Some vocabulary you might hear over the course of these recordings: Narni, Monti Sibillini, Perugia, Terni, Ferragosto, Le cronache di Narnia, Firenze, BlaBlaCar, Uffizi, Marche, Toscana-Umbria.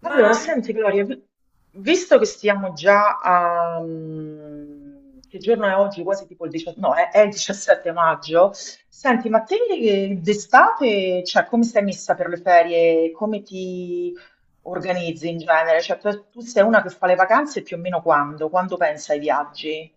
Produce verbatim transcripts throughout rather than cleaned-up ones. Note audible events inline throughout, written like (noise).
Ma Allora, senti Gloria, vi- visto che stiamo già a... mm, che giorno è oggi? Quasi tipo il diciassette, no, è, è il diciassette maggio. Senti, ma te eh, d'estate, cioè, come stai messa per le ferie? Come ti organizzi in genere? Cioè, tu, tu sei una che fa le vacanze più o meno quando? Quando pensa ai viaggi?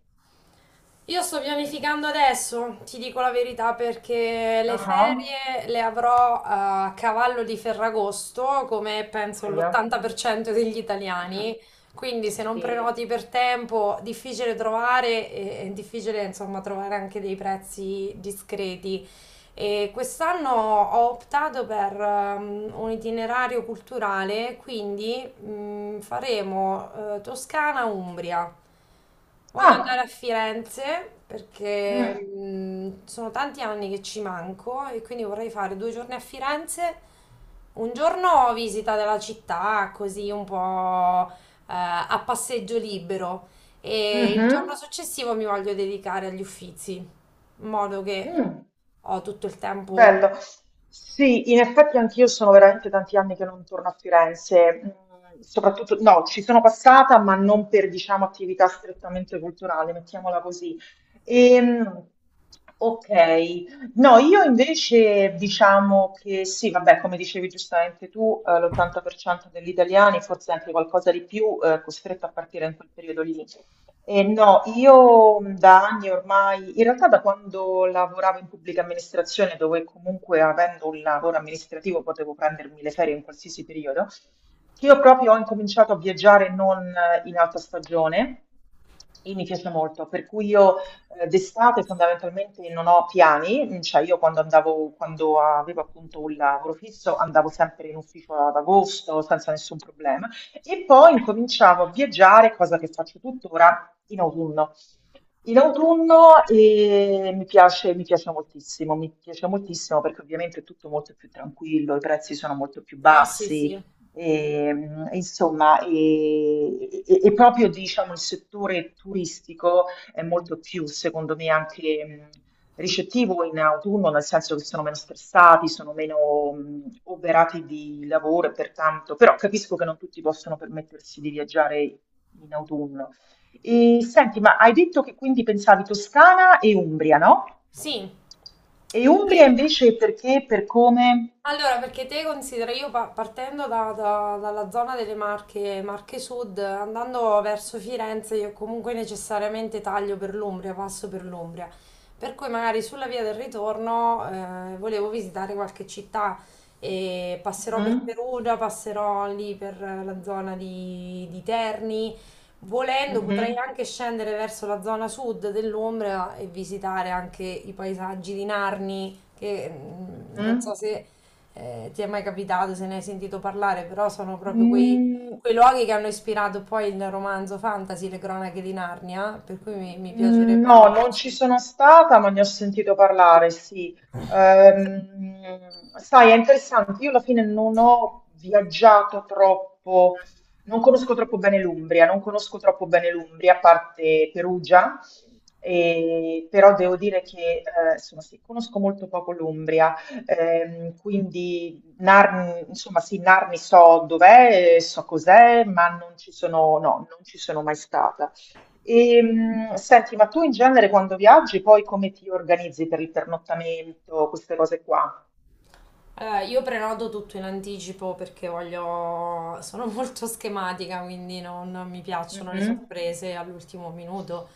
io sto pianificando adesso, ti dico la verità, perché le Ah, ah, ferie le avrò a cavallo di Ferragosto, come penso ahia. l'ottanta per cento degli Mm. italiani. Quindi se non Sì. prenoti per tempo, difficile trovare e è difficile, insomma, trovare anche dei prezzi discreti. E quest'anno ho optato per ehm, un itinerario culturale, quindi mm, faremo eh, Toscana-Umbria. Voglio andare Ah, a Firenze perché mm, mm, sono tanti anni che ci manco e quindi vorrei fare due giorni a Firenze, un giorno visita della città, così un po' eh, a passeggio libero e il giorno mhm, successivo mi voglio dedicare agli Uffizi in modo che mm. ho tutto il tempo. Bello. Sì, in effetti anch'io sono veramente tanti anni che non torno a Firenze, mm, soprattutto, no, ci sono passata, ma non per, diciamo, attività strettamente culturale, mettiamola così. Ehm, ok, no, io invece diciamo che sì, vabbè, come dicevi giustamente tu, eh, l'ottanta per cento degli italiani, forse anche qualcosa di più, eh, costretto a partire in quel periodo lì. Eh, no, io mh, da anni ormai, in realtà da quando lavoravo in pubblica amministrazione, dove comunque avendo un lavoro amministrativo potevo prendermi le ferie in qualsiasi periodo, che io proprio ho incominciato a viaggiare non eh, in alta stagione e mi piace molto, per cui io eh, d'estate fondamentalmente non ho piani, mm, cioè io quando andavo, quando avevo appunto un lavoro fisso andavo sempre in ufficio ad agosto senza nessun problema. E poi incominciavo a viaggiare, cosa che faccio tuttora, in autunno. In autunno eh, mi piace, mi piace moltissimo, mi piace moltissimo perché ovviamente è tutto molto più tranquillo, i prezzi sono molto più Ah, sì, bassi, sì. e, mh, insomma, e, e- e proprio diciamo, il settore turistico è molto più, secondo me, anche mh, ricettivo in autunno, nel senso che sono meno stressati, sono meno mh, oberati di lavoro e pertanto, però capisco che non tutti possono permettersi di viaggiare in autunno. E senti, ma hai detto che quindi pensavi Toscana e Umbria, no? Sì. E Perché... Umbria invece perché, per come? Allora, perché te considera, io pa- partendo da- da- dalla zona delle Marche, Marche Sud, andando verso Firenze, io comunque necessariamente taglio per l'Umbria, passo per l'Umbria. Per cui magari sulla via del ritorno eh, volevo visitare qualche città e passerò per Mhm, Perugia, passerò lì per la zona di, di Terni. Volendo potrei mhm, anche scendere verso la zona sud dell'Umbria e visitare anche i paesaggi di Narni, che mm, non mhm. so se eh, ti è mai capitato se ne hai sentito parlare, però sono proprio quei, Mm, quei luoghi che hanno ispirato poi il romanzo fantasy, Le cronache di Narnia, per cui mi, mi mm, piacerebbe no, non ci andarci. sono stata, ma ne ho sentito parlare, sì. Ehm, sai, è interessante, io alla fine non ho viaggiato troppo, non conosco troppo bene l'Umbria, non conosco troppo bene l'Umbria, a parte Perugia, e- però devo dire che, eh, insomma, sì, conosco molto poco l'Umbria, ehm, quindi Narni, insomma, sì, Narni so dov'è, so cos'è, ma non ci sono, no, non ci sono mai stata. E, mh, senti, ma tu in genere quando viaggi, poi come ti organizzi per il pernottamento, queste cose qua? Allora, io prenoto tutto in anticipo perché voglio... sono (laughs) molto schematica, quindi non mi piacciono le Mhm, sorprese all'ultimo minuto.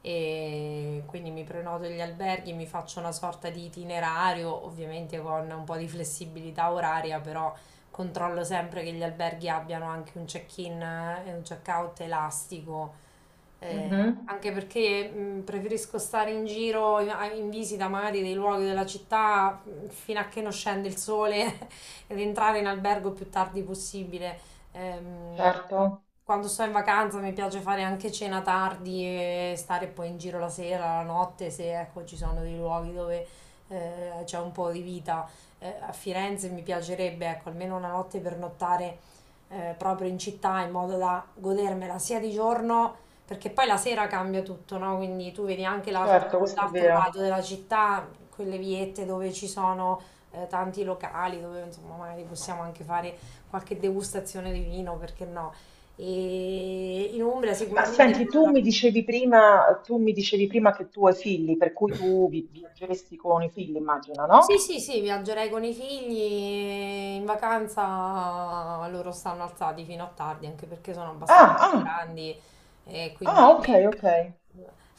E quindi mi prenoto gli alberghi, mi faccio una sorta di itinerario, ovviamente con un po' di flessibilità oraria, però controllo sempre che gli alberghi abbiano anche un check-in e un check-out elastico eh, mhm, anche perché mh, preferisco stare in giro in, a- in visita magari dei luoghi della città mh, fino a che non scende il sole (laughs) ed entrare in albergo il più tardi possibile. Ehm, certo, Quando sto in vacanza mi piace fare anche cena tardi e stare poi in giro la sera, la notte, se ecco, ci sono dei luoghi dove eh, c'è un po' di vita. Eh, a Firenze mi piacerebbe ecco, almeno una notte per nottare eh, proprio in città in modo da godermela sia di giorno perché poi la sera cambia tutto, no? Quindi tu vedi anche l'altro certo, questo è l'altro lato vero. della città, quelle viette dove ci sono eh, tanti locali, dove insomma magari possiamo anche fare qualche degustazione di vino, perché no? E in Umbria Ma sicuramente senti, tu troverò. mi dicevi prima, tu mi dicevi prima che tu hai figli, per cui tu vi- viaggeresti con i figli, immagino, Sì, no? sì, sì, viaggerei con i figli e in vacanza loro stanno alzati fino a tardi, anche perché sono Ah, abbastanza ah, grandi e ah, quindi ok, ok.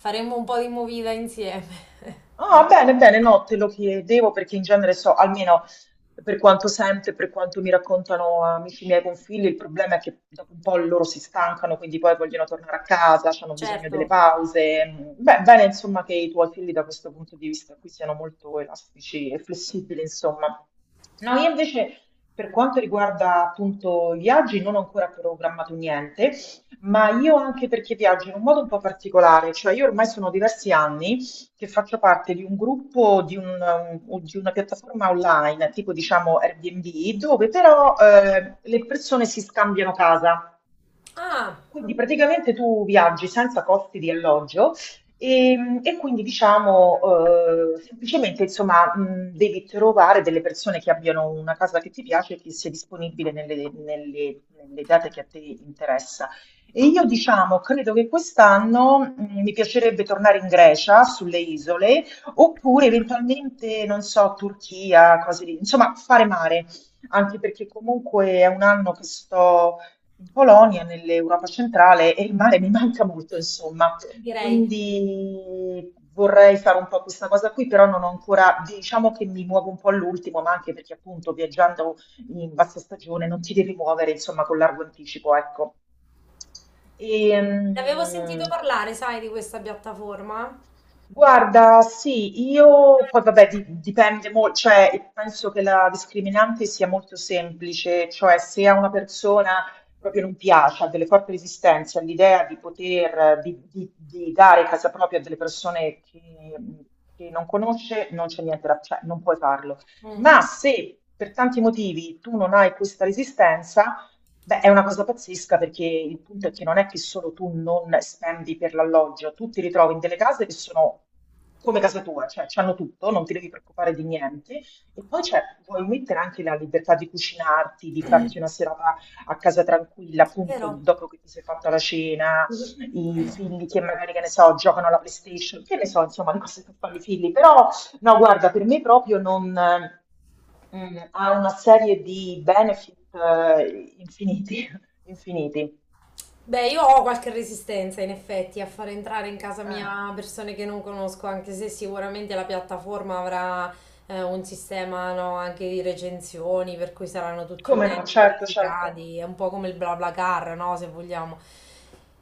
faremo un po' di movida insieme. Ah, bene, (laughs) bene, no, te lo chiedevo perché in genere so, almeno per quanto sento e per quanto mi raccontano amici miei con figli, il problema è che dopo un po' loro si stancano, quindi poi vogliono tornare a casa, hanno bisogno delle Certo. pause. Mm, beh, bene, insomma, che i tuoi figli da questo punto di vista qui siano molto elastici e flessibili, insomma. No, io invece per quanto riguarda appunto i viaggi non ho ancora programmato niente, ma io anche perché viaggio in un modo un po' particolare, cioè io ormai sono diversi anni che faccio parte di un gruppo, di, un, um, o di una piattaforma online, tipo diciamo Airbnb, dove però eh, le persone si scambiano casa. Ah, Quindi praticamente tu viaggi senza costi di alloggio e, e quindi diciamo eh, semplicemente insomma mh, devi trovare delle persone che abbiano una casa che ti piace e che sia disponibile nelle, nelle- nelle date che a te interessa. E io diciamo credo che quest'anno mh, mi piacerebbe tornare in Grecia, sulle isole, oppure eventualmente, non so, Turchia, cose lì, insomma fare mare, anche perché comunque è un anno che sto in Polonia, nell'Europa centrale e il mare mi manca molto, insomma. direi. Quindi vorrei fare un po' questa cosa qui, però non ho ancora, diciamo che mi muovo un po' all'ultimo, ma anche perché appunto viaggiando in bassa stagione non ti devi muovere, insomma, con largo anticipo, ecco. E, Ne avevo sentito parlare, sai, di questa piattaforma? guarda, sì, io poi vabbè di- dipende molto, cioè penso che la discriminante sia molto semplice, cioè se a una persona proprio non piace, ha delle forti resistenze all'idea di poter, eh, di, di- di dare casa propria a delle persone che, che non conosce, non c'è niente da, cioè non puoi farlo. Mm, Ma se per tanti motivi tu non hai questa resistenza, beh, è una cosa pazzesca perché il punto è che non è che solo tu non spendi per l'alloggio, tu ti ritrovi in delle case che sono come casa tua, cioè c'hanno tutto, non ti devi preoccupare di niente. E poi c'è, vuoi mettere anche la libertà di cucinarti, di farti una serata a casa tranquilla, appunto, vero? dopo che ti sei fatta la cena, i figli che magari, che ne so, giocano alla PlayStation, che ne so, insomma, le cose che fanno i figli, però no, guarda, per me proprio non, mm, ha una serie di benefit eh, infiniti, (laughs) infiniti. Beh, io ho qualche resistenza in effetti a far entrare in casa Eh, mia persone che non conosco, anche se sicuramente la piattaforma avrà eh, un sistema, no, anche di recensioni, per cui saranno tutti come no? utenti Certo, certo, verificati, è un po' come il BlaBlaCar, no, se vogliamo.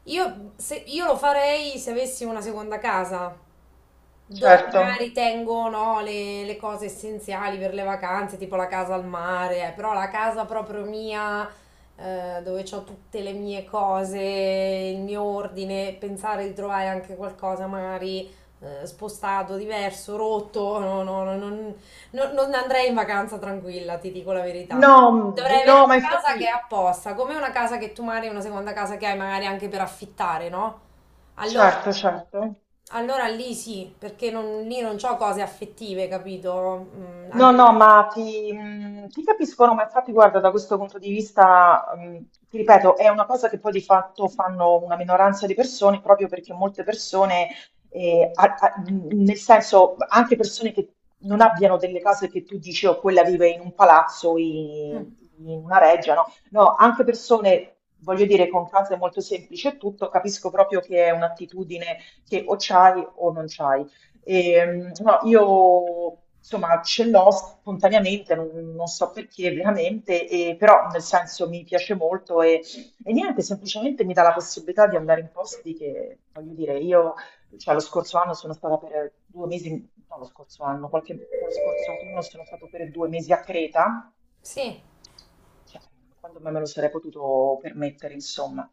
Io, se- io lo farei se avessi una seconda casa, dove certo. magari tengo no, le, le cose essenziali per le vacanze, tipo la casa al mare, eh, però la casa proprio mia, eh, dove ho tutte le mie cose, il mio ordine, pensare di trovare anche qualcosa magari eh, spostato, diverso, rotto, no, no, no, non, non- non andrei in vacanza tranquilla, ti dico la verità. No, Dovrei mm, avere no, ma una casa che è infatti, apposta, come una casa che tu magari, una seconda casa che hai magari anche per affittare, no? Allora, certo, certo. allora lì sì, perché non- lì non c'ho cose affettive, capito? Mm, No, anche... no, ma ti, mh, ti capisco, no, ma infatti guarda, da questo punto di vista, mh, ti ripeto, è una cosa che poi di fatto fanno una minoranza di persone proprio perché molte persone, eh, a- a- mh, nel senso anche persone che non abbiano delle case che tu dici, oh, quella vive in un palazzo, in, in una reggia, no? No, anche persone, voglio dire, con case molto semplici e tutto, capisco proprio che è un'attitudine che o c'hai o non c'hai. E, mm, no, io insomma ce l'ho spontaneamente, non, non so perché veramente, e- però nel senso mi piace molto e, e niente, semplicemente mi dà la possibilità di andare in posti che, voglio dire, io, cioè lo scorso anno sono stata per due mesi, no lo scorso anno, qualche, lo scorso autunno sono stato per due mesi a Creta Sì, cioè, quando me me lo sarei potuto permettere, insomma.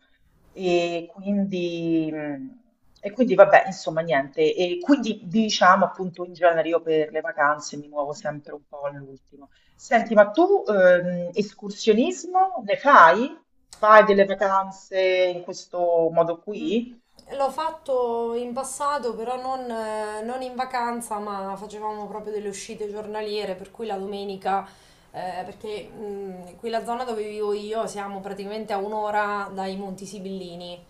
E quindi, mh, e quindi vabbè, insomma, niente. E quindi diciamo appunto in genere io per le vacanze mi muovo sempre un po' all'ultimo. Senti, ma tu ehm, escursionismo ne fai? Fai delle vacanze in questo modo qui? l'ho fatto in passato, però non, eh, non in vacanza, ma facevamo proprio delle uscite giornaliere, per cui la domenica, eh, perché mm, qui la zona dove vivo io siamo praticamente a un'ora dai Monti Sibillini.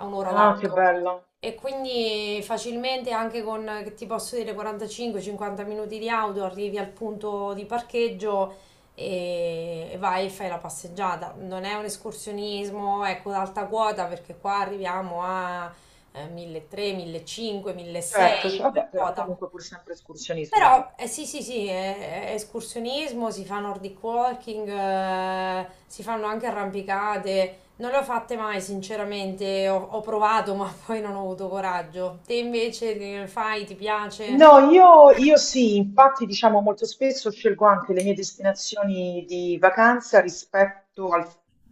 A un'ora Ah, che d'auto. bello. E quindi facilmente anche con, eh, che ti posso dire, quarantacinque cinquanta minuti di auto arrivi al punto di parcheggio e e vai e fai la passeggiata. Non è un escursionismo, ecco, ad alta quota perché qua arriviamo a eh, milletrecento, millecinquecento, Certo, milleseicento cioè, come vabbè, però quota. comunque pur sempre escursionismo. Però eh, sì, sì, sì, è, è escursionismo, si fa nordic walking, eh, si fanno anche arrampicate. Non le ho fatte mai, sinceramente, ho, ho provato, (laughs) ma poi non ho avuto coraggio. Te invece ne fai, ti piace? No, io, io sì, infatti diciamo molto spesso scelgo anche le mie destinazioni di vacanza rispetto al,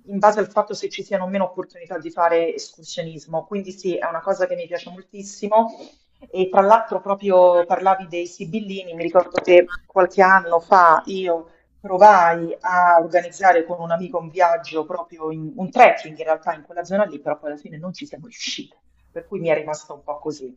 in base al fatto se ci siano o meno opportunità di fare escursionismo, quindi sì, è una cosa che mi piace moltissimo e tra l'altro proprio parlavi dei Sibillini, mi ricordo che qualche anno fa io provai a organizzare con un amico un viaggio proprio in, un trekking in realtà in quella zona lì, però poi alla fine non ci siamo riusciti, per cui mi è rimasta un po' così.